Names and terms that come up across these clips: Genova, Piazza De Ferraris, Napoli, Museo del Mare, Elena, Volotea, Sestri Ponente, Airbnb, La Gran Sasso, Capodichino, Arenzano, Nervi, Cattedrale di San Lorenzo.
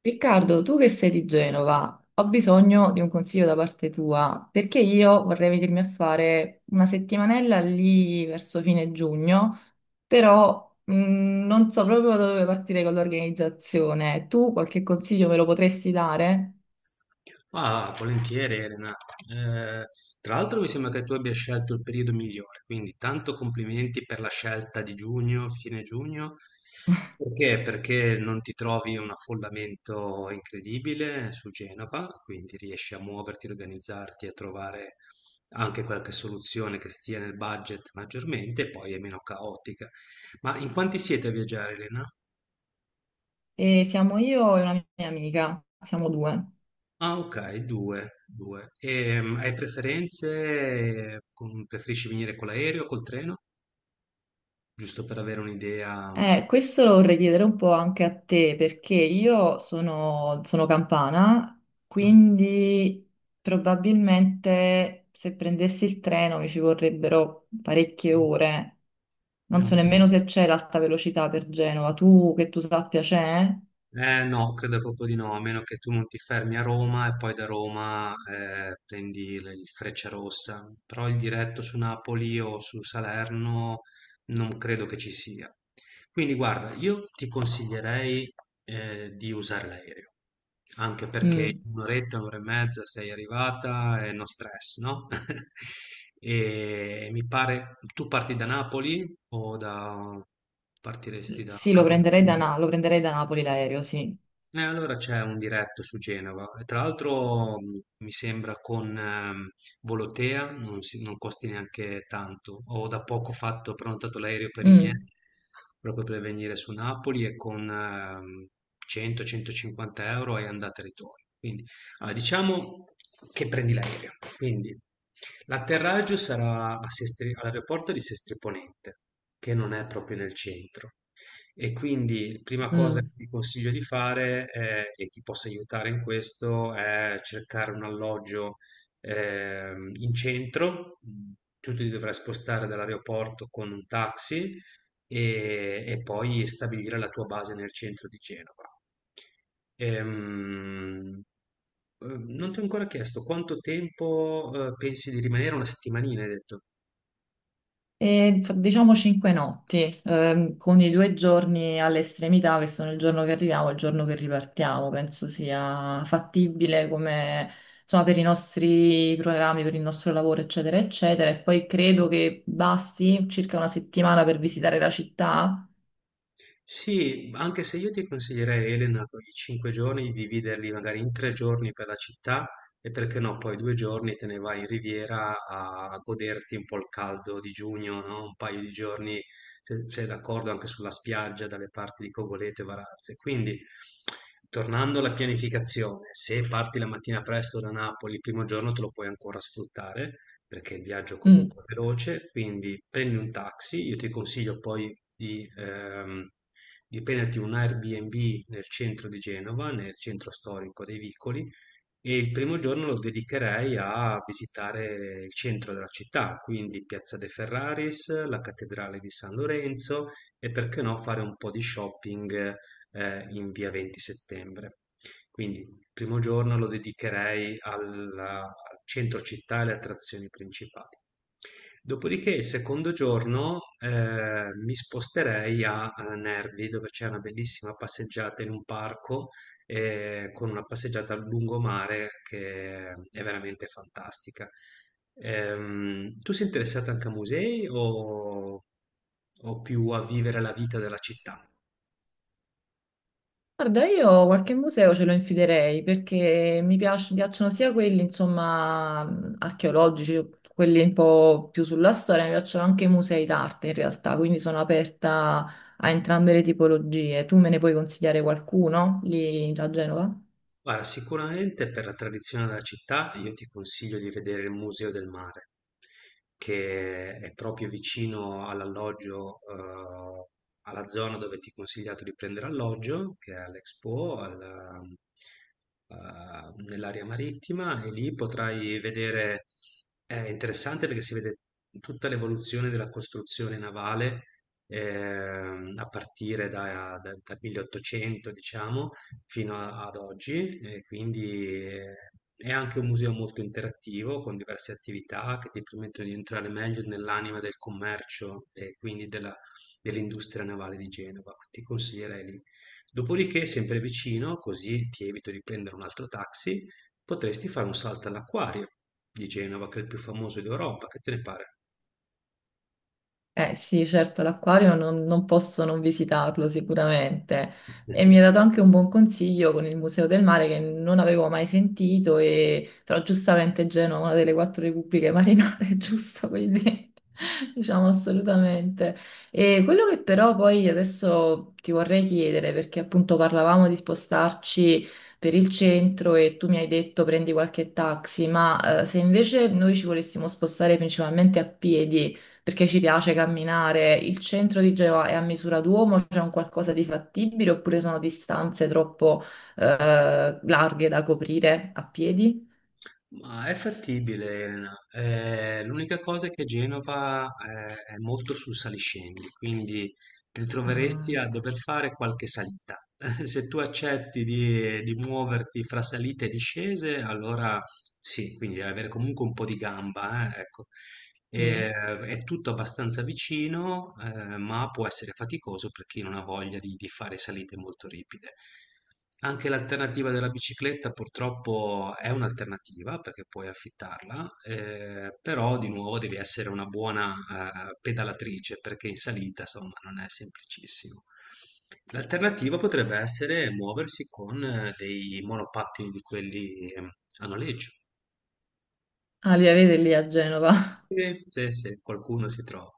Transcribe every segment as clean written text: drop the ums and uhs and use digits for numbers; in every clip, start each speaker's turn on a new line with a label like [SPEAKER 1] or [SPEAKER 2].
[SPEAKER 1] Riccardo, tu che sei di Genova, ho bisogno di un consiglio da parte tua, perché io vorrei venirmi a fare una settimanella lì verso fine giugno, però non so proprio da dove partire con l'organizzazione. Tu qualche consiglio me lo potresti dare?
[SPEAKER 2] Ah, volentieri Elena. Eh, Tra l'altro mi sembra che tu abbia scelto il periodo migliore, quindi tanto complimenti per la scelta di giugno, fine giugno. Perché? Perché non ti trovi un affollamento incredibile su Genova, quindi riesci a muoverti, organizzarti, a trovare anche qualche soluzione che stia nel budget maggiormente, e poi è meno caotica. Ma in quanti siete a viaggiare, Elena?
[SPEAKER 1] E siamo io e una mia amica, siamo due.
[SPEAKER 2] Ah, okay, 2, 2. Hai preferenze con preferisci venire con l'aereo o col treno? Giusto per avere un'idea.
[SPEAKER 1] Questo lo vorrei chiedere un po' anche a te, perché io sono campana,
[SPEAKER 2] Mh.
[SPEAKER 1] quindi probabilmente se prendessi il treno mi ci vorrebbero parecchie ore.
[SPEAKER 2] È
[SPEAKER 1] Non
[SPEAKER 2] un
[SPEAKER 1] so
[SPEAKER 2] po'
[SPEAKER 1] nemmeno
[SPEAKER 2] lungo.
[SPEAKER 1] se c'è l'alta velocità per Genova. Tu, che tu sappia, c'è?
[SPEAKER 2] Eh no, credo proprio di no, a meno che tu non ti fermi a Roma e poi da Roma prendi il Frecciarossa, però il diretto su Napoli o su Salerno non credo che ci sia. Quindi guarda, io ti consiglierei di usare l'aereo, anche perché
[SPEAKER 1] Mm.
[SPEAKER 2] in un'oretta, un'ora e mezza sei arrivata e no stress, no? E mi pare, tu parti da Napoli o da... partiresti da
[SPEAKER 1] Sì, lo prenderei
[SPEAKER 2] Capodichino?
[SPEAKER 1] Lo prenderei da Napoli l'aereo, sì.
[SPEAKER 2] Allora c'è un diretto su Genova, e tra l'altro mi sembra con Volotea, non costi neanche tanto. Ho da poco fatto, ho prenotato l'aereo per i miei,
[SPEAKER 1] Mm,
[SPEAKER 2] proprio per venire su Napoli e con 100-150 euro è andata e ritorno. Quindi allora, diciamo che prendi l'aereo, quindi l'atterraggio sarà a all'aeroporto di Sestri Ponente, che non è proprio nel centro. E quindi prima cosa che
[SPEAKER 1] mm.
[SPEAKER 2] ti consiglio di fare e ti possa aiutare in questo è cercare un alloggio in centro. Mm. Tu ti dovrai spostare dall'aeroporto con un taxi e poi stabilire la tua base nel centro di Genova. Ehm, Non ti ho ancora chiesto quanto tempo pensi di rimanere? Una settimanina, hai detto.
[SPEAKER 1] E, diciamo cinque notti, con i due giorni all'estremità, che sono il giorno che arriviamo e il giorno che ripartiamo. Penso sia fattibile come, insomma, per i nostri programmi, per il nostro lavoro, eccetera, eccetera. E poi credo che basti circa una settimana per visitare la città.
[SPEAKER 2] Sì, anche se io ti consiglierei, Elena, quei 5 giorni di dividerli magari in 3 giorni per la città e perché no, poi 2 giorni te ne vai in riviera a goderti un po' il caldo di giugno, no? Un paio di giorni, se sei d'accordo, anche sulla spiaggia, dalle parti di Cogoleto e Varazze. Quindi, tornando alla pianificazione, se parti la mattina presto da Napoli, il primo giorno te lo puoi ancora sfruttare perché il viaggio
[SPEAKER 1] Mm.
[SPEAKER 2] comunque è veloce, quindi prendi un taxi, io ti consiglio poi di prenderti un Airbnb nel centro di Genova, nel centro storico dei Vicoli, e il primo giorno lo dedicherei a visitare il centro della città, quindi Piazza De Ferraris, la Cattedrale di San Lorenzo e perché no fare un po' di shopping in via 20 settembre. Quindi il primo giorno lo dedicherei al centro città e alle attrazioni principali. Dopodiché il secondo giorno mi sposterei a Nervi, dove c'è una bellissima passeggiata in un parco con una passeggiata al lungomare che è veramente fantastica. Tu sei interessato anche a musei o più a vivere la vita della città?
[SPEAKER 1] Guarda, io qualche museo ce lo infilerei perché mi piacciono sia quelli, insomma, archeologici, quelli un po' più sulla storia, mi piacciono anche i musei d'arte in realtà, quindi sono aperta a entrambe le tipologie. Tu me ne puoi consigliare qualcuno lì a Genova?
[SPEAKER 2] Guarda, sicuramente per la tradizione della città io ti consiglio di vedere il Museo del Mare, che è proprio vicino all'alloggio, alla zona dove ti ho consigliato di prendere alloggio, che è all'Expo, nell'area marittima, e lì potrai vedere, è interessante perché si vede tutta l'evoluzione della costruzione navale, a partire dal 1800, diciamo fino ad oggi, e quindi è anche un museo molto interattivo con diverse attività che ti permettono di entrare meglio nell'anima del commercio e quindi dell'industria navale di Genova. Ti consiglierei lì. Dopodiché, sempre vicino, così ti evito di prendere un altro taxi, potresti fare un salto all'acquario di Genova, che è il più famoso d'Europa. Che te ne pare?
[SPEAKER 1] Eh sì, certo, l'acquario non posso non visitarlo sicuramente. E mi ha dato anche un buon consiglio con il Museo del Mare che non avevo mai sentito, e però giustamente Genova è una delle quattro repubbliche marinare, giusto? Quindi diciamo assolutamente. E quello che però poi adesso ti vorrei chiedere, perché appunto parlavamo di spostarci per il centro e tu mi hai detto prendi qualche taxi, ma se invece noi ci volessimo spostare principalmente a piedi, perché ci piace camminare. Il centro di Genova è a misura d'uomo, c'è un qualcosa di fattibile oppure sono distanze troppo larghe da coprire a piedi?
[SPEAKER 2] Ma è fattibile, Elena. L'unica cosa è che Genova, è molto sul saliscendi, quindi ti ritroveresti
[SPEAKER 1] Ah,
[SPEAKER 2] a dover fare qualche salita. Se tu accetti di muoverti fra salite e discese, allora sì, quindi devi avere comunque un po' di gamba, ecco.
[SPEAKER 1] mm.
[SPEAKER 2] È tutto abbastanza vicino, ma può essere faticoso per chi non ha voglia di fare salite molto ripide. Anche l'alternativa della bicicletta purtroppo è un'alternativa perché puoi affittarla, però di nuovo devi essere una buona, pedalatrice perché in salita, insomma, non è semplicissimo. L'alternativa potrebbe essere muoversi con dei monopattini di quelli a noleggio.
[SPEAKER 1] Ah, li avete lì a Genova?
[SPEAKER 2] Sì, sì, se qualcuno si trova.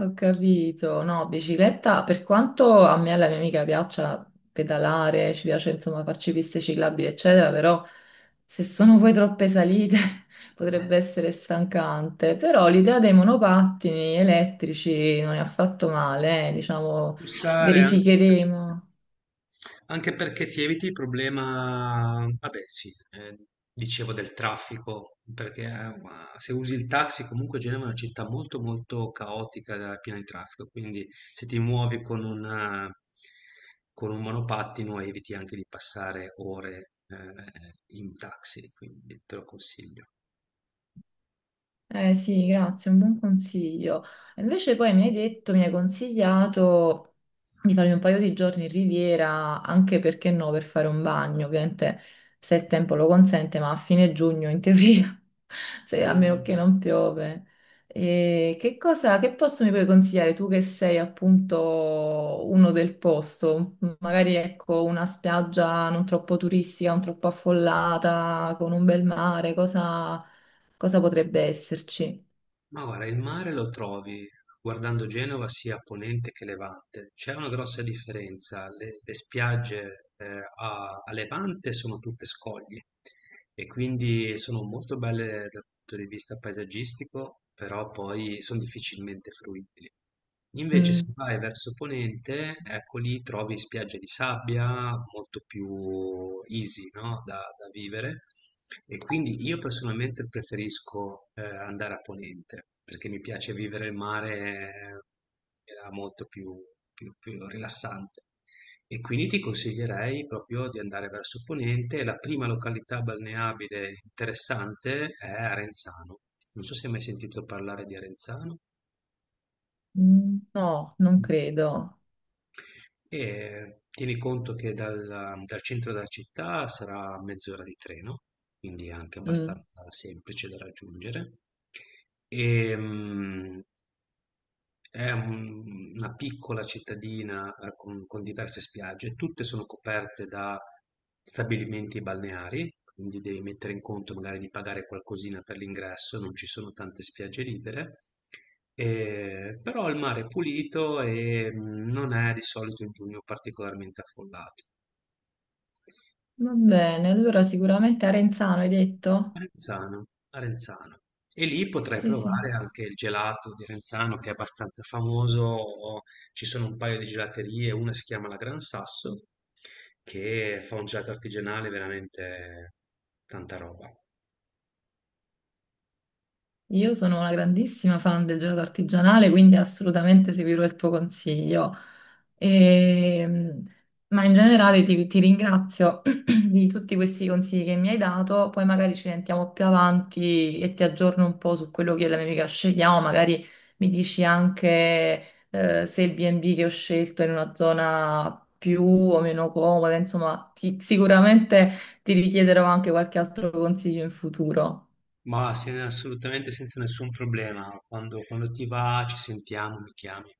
[SPEAKER 1] Ho capito, no, bicicletta, per quanto a me e alla mia amica piaccia pedalare, ci piace insomma farci piste ciclabili, eccetera, però se sono poi troppe salite potrebbe essere stancante, però l'idea dei monopattini elettrici non è affatto male, diciamo,
[SPEAKER 2] Bussare anche,
[SPEAKER 1] verificheremo.
[SPEAKER 2] anche perché ti eviti il problema, vabbè sì, dicevo del traffico, perché ma se usi il taxi comunque Genova è una città molto molto caotica, piena di traffico, quindi se ti muovi con con un monopattino eviti anche di passare ore in taxi, quindi te lo consiglio.
[SPEAKER 1] Eh sì, grazie, un buon consiglio. Invece poi mi hai detto, mi hai consigliato di farmi un paio di giorni in riviera, anche perché no, per fare un bagno, ovviamente se il tempo lo consente, ma a fine giugno in teoria, se, a meno
[SPEAKER 2] Dovremmo.
[SPEAKER 1] che non piove. E che cosa, che posto mi puoi consigliare tu che sei appunto uno del posto? Magari ecco una spiaggia non troppo turistica, non troppo affollata, con un bel mare, cosa... Cosa potrebbe esserci?
[SPEAKER 2] Ma guarda, il mare lo trovi guardando Genova sia a ponente che levante. C'è una grossa differenza. Le spiagge a levante sono tutte scogli e quindi sono molto belle dal punto di vista paesaggistico, però poi sono difficilmente fruibili. Invece se
[SPEAKER 1] Mm,
[SPEAKER 2] vai verso ponente, ecco lì trovi spiagge di sabbia molto più easy, no? Da vivere e quindi io personalmente preferisco andare a ponente perché mi piace vivere il mare in maniera molto più rilassante e quindi ti consiglierei proprio di andare verso ponente. La prima località balneabile interessante è Arenzano. Non so se hai mai sentito parlare di Arenzano.
[SPEAKER 1] mm, no, non
[SPEAKER 2] Mm.
[SPEAKER 1] credo.
[SPEAKER 2] E tieni conto che dal centro della città sarà mezz'ora di treno, quindi è anche
[SPEAKER 1] Mm,
[SPEAKER 2] abbastanza semplice da raggiungere. E, mm, è una piccola cittadina con diverse spiagge, tutte sono coperte da stabilimenti balneari, quindi devi mettere in conto magari di pagare qualcosina per l'ingresso, non ci sono tante spiagge libere. Però il mare è pulito e non è di solito in giugno particolarmente affollato.
[SPEAKER 1] va bene, allora sicuramente Arenzano hai detto?
[SPEAKER 2] Renzano, a Renzano. E lì potrai
[SPEAKER 1] Sì,
[SPEAKER 2] provare
[SPEAKER 1] sì.
[SPEAKER 2] anche il gelato di Renzano che è abbastanza famoso. Ci sono un paio di gelaterie, una si chiama La Gran Sasso, che fa un gelato artigianale veramente tanta roba.
[SPEAKER 1] Io sono una grandissima fan del gelato artigianale, quindi assolutamente seguirò il tuo consiglio. Ehm, ma in generale ti ringrazio di tutti questi consigli che mi hai dato, poi magari ci sentiamo più avanti e ti aggiorno un po' su quello che è la mia amica scegliamo, magari mi dici anche se il B&B che ho scelto è in una zona più o meno comoda, insomma, sicuramente ti richiederò anche qualche altro consiglio in futuro.
[SPEAKER 2] Ma assolutamente senza nessun problema. Quando ti va, ci sentiamo, mi chiami.